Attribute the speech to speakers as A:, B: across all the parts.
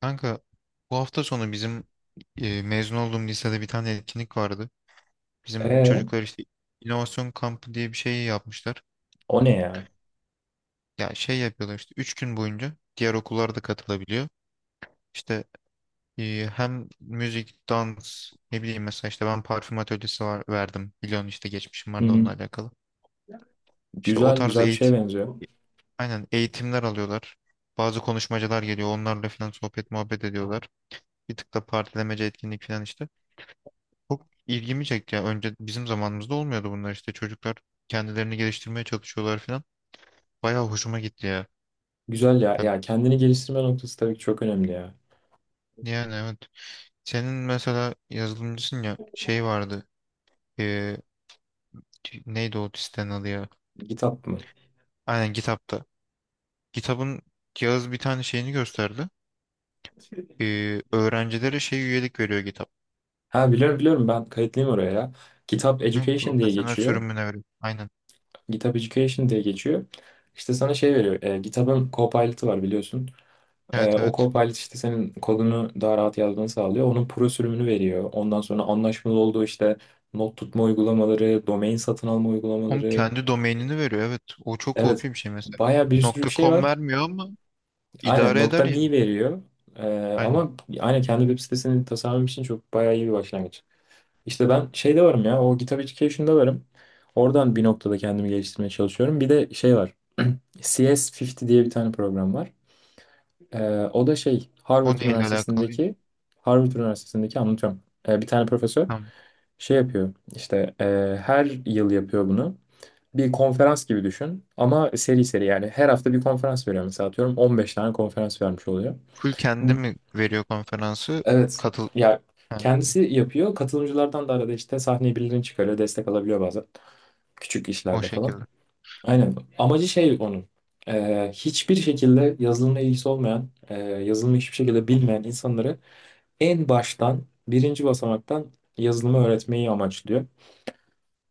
A: Kanka, bu hafta sonu bizim mezun olduğum lisede bir tane etkinlik vardı. Bizim
B: Ee,
A: çocuklar işte inovasyon kampı diye bir şey yapmışlar.
B: O ne ya?
A: Ya şey yapıyorlar işte 3 gün boyunca diğer okullar da katılabiliyor. İşte hem müzik, dans ne bileyim mesela işte ben parfüm atölyesi var, verdim. Biliyorsun işte geçmişim
B: Hı
A: vardı onunla
B: hı.
A: alakalı. İşte o
B: Güzel
A: tarz
B: güzel bir şeye
A: eğitim,
B: benziyor.
A: aynen eğitimler alıyorlar. Bazı konuşmacılar geliyor onlarla falan sohbet muhabbet ediyorlar. Bir tık da partilemece etkinlik falan işte. Çok ilgimi çekti ya. Önce bizim zamanımızda olmuyordu bunlar işte. Çocuklar kendilerini geliştirmeye çalışıyorlar falan. Bayağı hoşuma gitti ya.
B: Güzel ya.
A: Ya-
B: Ya kendini geliştirme noktası tabii ki çok önemli ya.
A: Yani evet. Senin mesela yazılımcısın ya şey vardı. Ee, neydi o sitenin adı ya?
B: Kitap mı?
A: Aynen GitHub'da. GitHub'ın Yağız bir tane şeyini gösterdi. Öğrencilere şey üyelik veriyor GitHub.
B: Ha biliyorum biliyorum ben kayıtlıyım oraya ya. Kitap
A: Hı,
B: Education diye
A: profesyonel
B: geçiyor.
A: sürümüne veriyor. Aynen.
B: Kitap Education diye geçiyor. İşte sana şey veriyor. Kitabın Copilot'ı var biliyorsun.
A: Evet
B: O
A: evet.
B: Copilot işte senin kodunu daha rahat yazmanı sağlıyor. Onun pro sürümünü veriyor. Ondan sonra anlaşmalı olduğu işte not tutma uygulamaları, domain satın alma
A: Onun
B: uygulamaları.
A: kendi domainini veriyor. Evet. O çok
B: Evet.
A: OP bir şey mesela.
B: Baya bir sürü bir şey
A: .com
B: var.
A: vermiyor ama
B: Aynen
A: idare
B: nokta
A: eder yani.
B: mi veriyor. Ee,
A: Aynen.
B: Ama aynen kendi web sitesini tasarlam için çok bayağı iyi bir başlangıç. İşte ben şeyde varım ya o GitHub Education'da varım. Oradan bir noktada kendimi geliştirmeye çalışıyorum. Bir de şey var. CS50 diye bir tane program var. O da şey
A: O neyle alakalı?
B: Harvard Üniversitesi'ndeki anlatıyorum. Bir tane profesör
A: Tamam.
B: şey yapıyor. İşte her yıl yapıyor bunu bir konferans gibi düşün ama seri seri yani her hafta bir konferans veriyor mesela atıyorum 15 tane konferans vermiş oluyor.
A: Full kendi
B: Bu,
A: mi veriyor konferansı?
B: evet.
A: Katıl...
B: Ya
A: Ha,
B: kendisi yapıyor. Katılımcılardan da arada işte sahneye birilerini çıkarıyor. Destek alabiliyor bazen. Küçük
A: o
B: işlerde falan.
A: şekilde.
B: Aynen. Amacı şey onun. Hiçbir şekilde yazılımla ilgisi olmayan, yazılımı hiçbir şekilde bilmeyen insanları en baştan, birinci basamaktan yazılımı öğretmeyi amaçlıyor.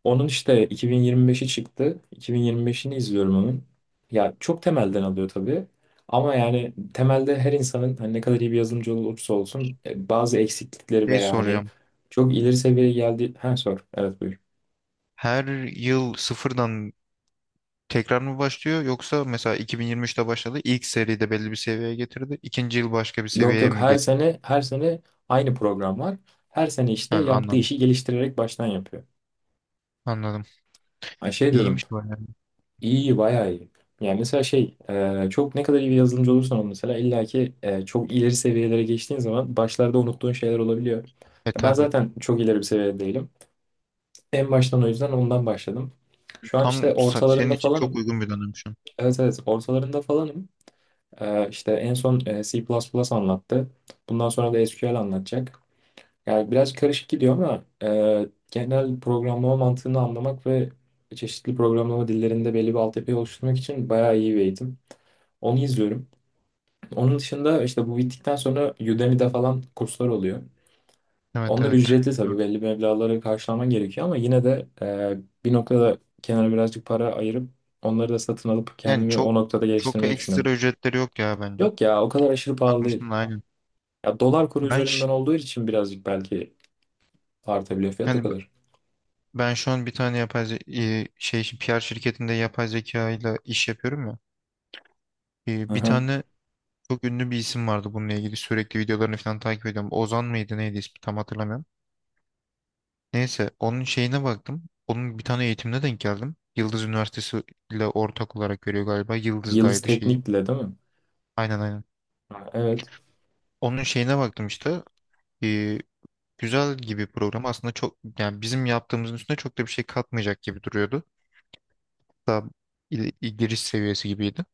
B: Onun işte 2025'i çıktı. 2025'ini izliyorum onun. Ya çok temelden alıyor tabii. Ama yani temelde her insanın hani ne kadar iyi bir yazılımcı olursa olsun bazı eksiklikleri
A: Şey
B: veya hani
A: soracağım.
B: çok ileri seviyeye geldi. Ha sor. Evet buyur.
A: Her yıl sıfırdan tekrar mı başlıyor yoksa mesela 2023'te başladı. İlk seride belli bir seviyeye getirdi. İkinci yıl başka bir
B: Yok
A: seviyeye
B: yok
A: mi
B: her
A: getirdi?
B: sene her sene aynı program var. Her sene
A: Ha,
B: işte yaptığı
A: anladım.
B: işi geliştirerek baştan yapıyor.
A: Anladım.
B: Ay şey diyordum.
A: İyiymiş bayağı.
B: İyi, iyi, bayağı iyi. Yani mesela şey, çok ne kadar iyi bir yazılımcı olursan ol mesela illaki çok ileri seviyelere geçtiğin zaman başlarda unuttuğun şeyler olabiliyor.
A: E
B: Ya ben
A: tabii.
B: zaten çok ileri bir seviyede değilim. En baştan o yüzden ondan başladım. Şu an işte
A: Senin
B: ortalarında
A: için çok
B: falanım.
A: uygun bir dönem şu an.
B: Evet evet ortalarında falanım. İşte en son C++ anlattı. Bundan sonra da SQL anlatacak. Yani biraz karışık gidiyor ama genel programlama mantığını anlamak ve çeşitli programlama dillerinde belli bir altyapıyı oluşturmak için bayağı iyi bir eğitim. Onu izliyorum. Onun dışında işte bu bittikten sonra Udemy'de falan kurslar oluyor.
A: Evet
B: Onlar
A: evet.
B: ücretli tabii
A: Biliyorum.
B: belli meblağları karşılaman gerekiyor ama yine de bir noktada kenara birazcık para ayırıp onları da satın alıp
A: Yani
B: kendimi o
A: çok
B: noktada
A: çok
B: geliştirmeyi düşünüyorum.
A: ekstra ücretleri yok ya bence.
B: Yok ya o kadar aşırı pahalı değil.
A: Bakmıştım da aynen.
B: Ya dolar kuru
A: Ben ş-
B: üzerinden olduğu için birazcık belki artabiliyor fiyat o
A: hani
B: kadar.
A: Ben şu an bir tane şey için PR şirketinde yapay zeka ile iş yapıyorum ya.
B: Hı
A: Bir
B: hı.
A: tane çok ünlü bir isim vardı bununla ilgili sürekli videolarını falan takip ediyorum. Ozan mıydı neydi ismi tam hatırlamıyorum. Neyse onun şeyine baktım. Onun bir tane eğitimine denk geldim. Yıldız Üniversitesi ile ortak olarak veriyor galiba.
B: Yıldız
A: Yıldız'daydı şeyi.
B: Teknik'le değil mi?
A: Aynen aynen.
B: Ha, evet.
A: Onun şeyine baktım işte. E, Güzel gibi program aslında çok yani bizim yaptığımızın üstüne çok da bir şey katmayacak gibi duruyordu. Daha giriş seviyesi gibiydi.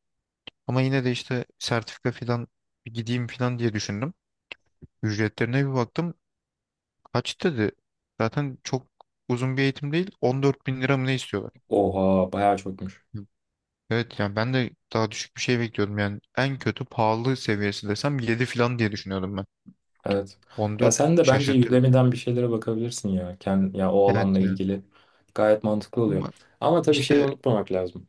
A: Ama yine de işte sertifika falan bir gideyim falan diye düşündüm. Ücretlerine bir baktım. Kaç dedi? Zaten çok uzun bir eğitim değil. 14 bin lira mı ne istiyorlar?
B: Oha bayağı çokmuş.
A: Evet yani ben de daha düşük bir şey bekliyordum. Yani en kötü pahalı seviyesi desem 7 falan diye düşünüyordum ben.
B: Evet. Ya
A: 14
B: sen de bence
A: şaşırttı beni.
B: Udemy'den bir şeylere bakabilirsin ya. Ya o
A: Evet
B: alanla
A: ya.
B: ilgili. Gayet mantıklı oluyor.
A: Ama
B: Ama tabii şeyi
A: işte
B: unutmamak lazım.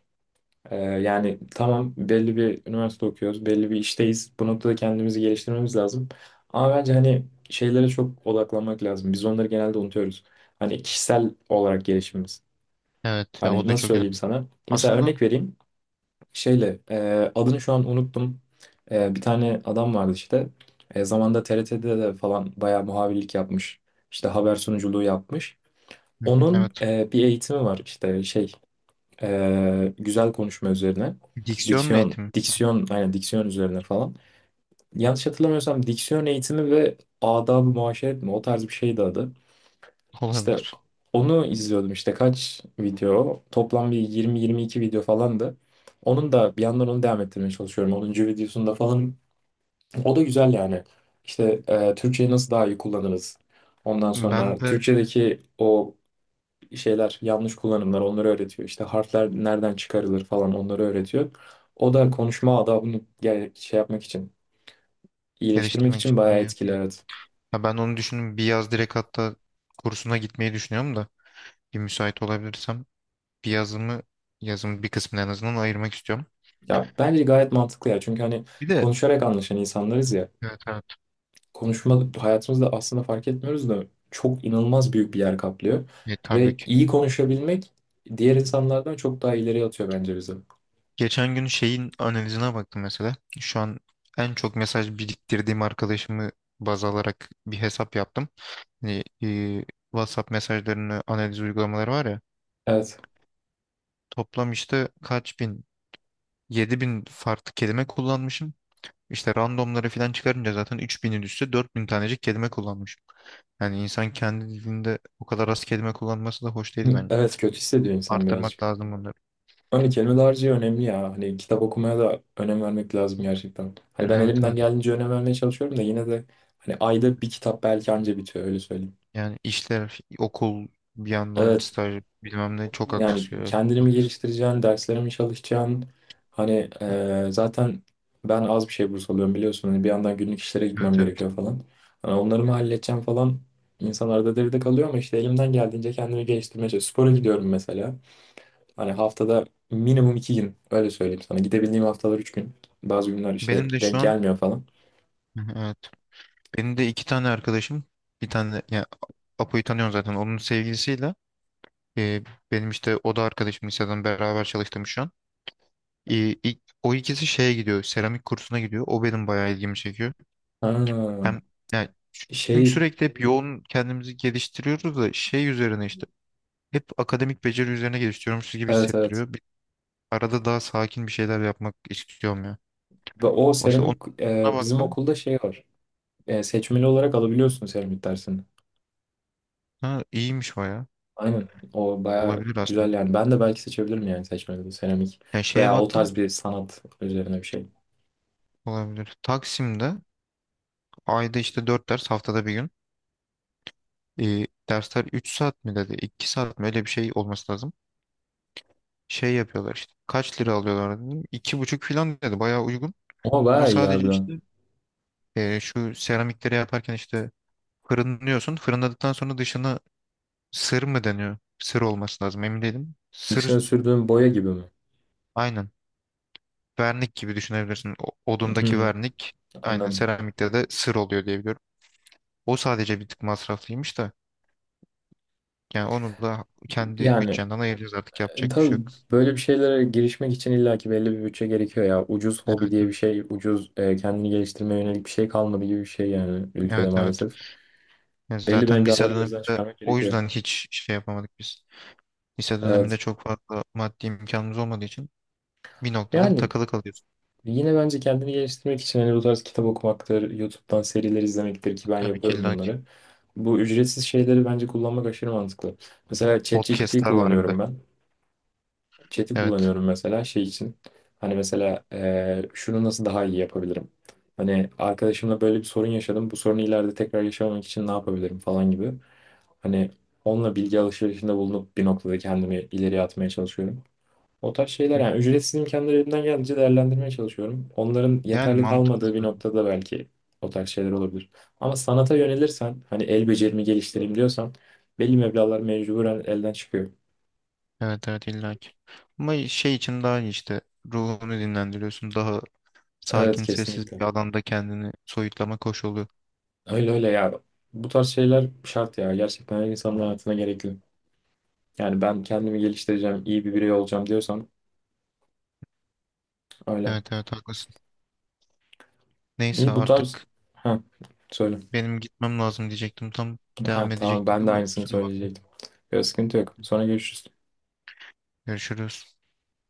B: Yani tamam belli bir üniversite okuyoruz, belli bir işteyiz. Bu noktada kendimizi geliştirmemiz lazım. Ama bence hani şeylere çok odaklanmak lazım. Biz onları genelde unutuyoruz. Hani kişisel olarak gelişimimiz.
A: evet ya o
B: Hani
A: da
B: nasıl
A: çok
B: söyleyeyim
A: önemli.
B: sana? Mesela
A: Aslında.
B: örnek vereyim şeyle adını şu an unuttum. Bir tane adam vardı işte. Zamanda TRT'de de falan bayağı muhabirlik yapmış. İşte haber sunuculuğu yapmış.
A: Hı hı,
B: Onun
A: evet.
B: bir eğitimi var işte şey güzel konuşma üzerine.
A: Diksiyon
B: Diksiyon,
A: eğitimi
B: diksiyon, aynen diksiyon üzerine falan. Yanlış hatırlamıyorsam diksiyon eğitimi ve adab-ı muaşeret mi? O tarz bir şeydi adı. İşte
A: olabilir.
B: onu izliyordum işte kaç video toplam bir 20-22 video falandı. Onun da bir yandan onu devam ettirmeye çalışıyorum. 10. videosunda falan o da güzel yani. İşte Türkçeyi nasıl daha iyi kullanırız? Ondan sonra
A: Ben de
B: Türkçedeki o şeyler yanlış kullanımlar onları öğretiyor. İşte harfler nereden çıkarılır falan onları öğretiyor. O da konuşma adabını şey yapmak için iyileştirmek
A: geliştirmek
B: için
A: için
B: bayağı
A: iyi.
B: etkili evet.
A: Ha ben onu düşündüm. Bir yaz direkt hatta kursuna gitmeyi düşünüyorum da bir müsait olabilirsem bir yazımı yazımın bir kısmını en azından ayırmak istiyorum.
B: Ya bence gayet mantıklı ya çünkü hani
A: Bir de.
B: konuşarak anlaşan insanlarız ya.
A: Evet evet.
B: Konuşma hayatımızda aslında fark etmiyoruz da çok inanılmaz büyük bir yer kaplıyor.
A: E, tabii
B: Ve
A: ki.
B: iyi konuşabilmek diğer insanlardan çok daha ileriye atıyor bence bizi.
A: Geçen gün şeyin analizine baktım mesela. Şu an en çok mesaj biriktirdiğim arkadaşımı baz alarak bir hesap yaptım. Hani, WhatsApp mesajlarını analiz uygulamaları var ya.
B: Evet.
A: Toplam işte kaç bin? 7 bin farklı kelime kullanmışım. İşte randomları falan çıkarınca zaten 3000'in üstü 4000 tanecik kelime kullanmış. Yani insan kendi dilinde o kadar az kelime kullanması da hoş değil
B: Hı,
A: bence.
B: evet, kötü hissediyor insan
A: Arttırmak
B: birazcık.
A: lazım bunları.
B: Hani kelime dağarcığı önemli ya. Hani kitap okumaya da önem vermek lazım gerçekten. Hani ben
A: Evet
B: elimden
A: evet.
B: geldiğince önem vermeye çalışıyorum da yine de hani ayda bir kitap belki anca bitiyor öyle söyleyeyim.
A: Yani işler, okul, bir yandan
B: Evet.
A: staj bilmem ne çok
B: Yani
A: aksıyor.
B: kendini mi
A: Haklısın.
B: geliştireceksin, derslere mi çalışacaksın? Hani zaten ben az bir şey burs alıyorum biliyorsun. Hani bir yandan günlük işlere gitmem
A: Evet evet.
B: gerekiyor falan. Hani onları mı halledeceğim falan. İnsanlarda devide kalıyor ama işte elimden geldiğince kendimi geliştirmeye çalışıyorum. Spora gidiyorum mesela. Hani haftada minimum 2 gün öyle söyleyeyim sana. Gidebildiğim haftalar 3 gün. Bazı günler işte
A: Benim de şu
B: denk
A: an
B: gelmiyor falan.
A: evet. Benim de iki tane arkadaşım bir tane yani Apo'yu tanıyorsun zaten onun sevgilisiyle e, benim işte o da arkadaşım liseden beraber çalıştığım şu an. E, o ikisi şeye gidiyor. Seramik kursuna gidiyor. O benim bayağı ilgimi çekiyor.
B: Ha,
A: Hem yani çünkü
B: şey,
A: sürekli hep yoğun kendimizi geliştiriyoruz da şey üzerine işte hep akademik beceri üzerine geliştiriyormuşuz gibi
B: evet, evet.
A: hissettiriyor. Bir, arada daha sakin bir şeyler yapmak istiyorum ya.
B: Ve o
A: O işte ona
B: seramik bizim
A: baktım.
B: okulda şey var. Seçmeli olarak alabiliyorsun seramik dersini.
A: Ha, iyiymiş bayağı.
B: Aynen. O baya
A: Olabilir
B: güzel
A: aslında.
B: yani. Ben de belki seçebilirim yani seçmede de seramik.
A: Yani şeye
B: Veya o
A: baktım.
B: tarz bir sanat üzerine bir şey.
A: Olabilir. Taksim'de ayda işte 4 ders haftada bir gün. Dersler 3 saat mi dedi? 2 saat mi? Öyle bir şey olması lazım. Şey yapıyorlar işte. Kaç lira alıyorlar dedim. İki buçuk falan dedi. Bayağı uygun.
B: Ama
A: Ama
B: baya iyi
A: sadece işte
B: harbiden.
A: şu seramikleri yaparken işte fırınlıyorsun. Fırınladıktan sonra dışına sır mı deniyor? Sır olması lazım. Emin değilim.
B: Dışına
A: Sır
B: sürdüğüm boya gibi mi?
A: aynen. Vernik gibi düşünebilirsin. O-
B: Hı
A: odundaki
B: hı.
A: vernik aynen
B: Anladım.
A: seramikte de sır oluyor diye biliyorum. O sadece bir tık masraflıymış da. Yani onu da kendi
B: Yani
A: bütçenden ayıracağız artık yapacak bir
B: tabii
A: şey yok.
B: böyle bir şeylere girişmek için illaki belli bir bütçe gerekiyor ya. Ucuz
A: Evet
B: hobi diye bir
A: evet.
B: şey, ucuz kendini geliştirmeye yönelik bir şey kalmadı gibi bir şey yani ülkede
A: Evet evet.
B: maalesef.
A: Yani
B: Belli
A: zaten lise
B: meblağları gözden
A: döneminde
B: çıkarmak
A: o
B: gerekiyor.
A: yüzden hiç şey yapamadık biz. Lise döneminde
B: Evet.
A: çok fazla maddi imkanımız olmadığı için bir noktada
B: Yani
A: takılı kalıyorsun.
B: yine bence kendini geliştirmek için hani bu tarz kitap okumaktır, YouTube'dan seriler izlemektir ki ben
A: Tabii ki
B: yapıyorum
A: illa ki.
B: bunları. Bu ücretsiz şeyleri bence kullanmak aşırı mantıklı. Mesela ChatGPT'yi
A: Podcast'ler var bir de.
B: kullanıyorum ben. Chat'i
A: Evet.
B: kullanıyorum mesela şey için. Hani mesela şunu nasıl daha iyi yapabilirim? Hani arkadaşımla böyle bir sorun yaşadım. Bu sorunu ileride tekrar yaşamamak için ne yapabilirim falan gibi. Hani onunla bilgi alışverişinde bulunup bir noktada kendimi ileriye atmaya çalışıyorum. O tarz şeyler
A: Hı.
B: yani ücretsiz imkanları elimden geldiğince değerlendirmeye çalışıyorum. Onların
A: Yani
B: yeterli
A: mantıklı
B: kalmadığı bir
A: zaten.
B: noktada belki o tarz şeyler olabilir. Ama sanata yönelirsen hani el becerimi geliştireyim diyorsan belli meblağlar mecburen elden çıkıyor.
A: Evet evet illa ki. Ama şey için daha iyi işte. Ruhunu dinlendiriyorsun. Daha
B: Evet
A: sakin sessiz
B: kesinlikle.
A: bir alanda kendini soyutlamak hoş oluyor.
B: Öyle öyle ya. Bu tarz şeyler şart ya. Gerçekten her insanın hayatına gerekli. Yani ben kendimi geliştireceğim, iyi bir birey olacağım diyorsan öyle.
A: Evet evet haklısın. Neyse
B: İyi bu tarz...
A: artık
B: Ha, söyle.
A: benim gitmem lazım diyecektim. Tam devam
B: Ha, tamam
A: edecektim
B: ben de
A: ama
B: aynısını
A: kusura bakma.
B: söyleyecektim. Yok, sıkıntı yok. Sonra görüşürüz.
A: Görüşürüz.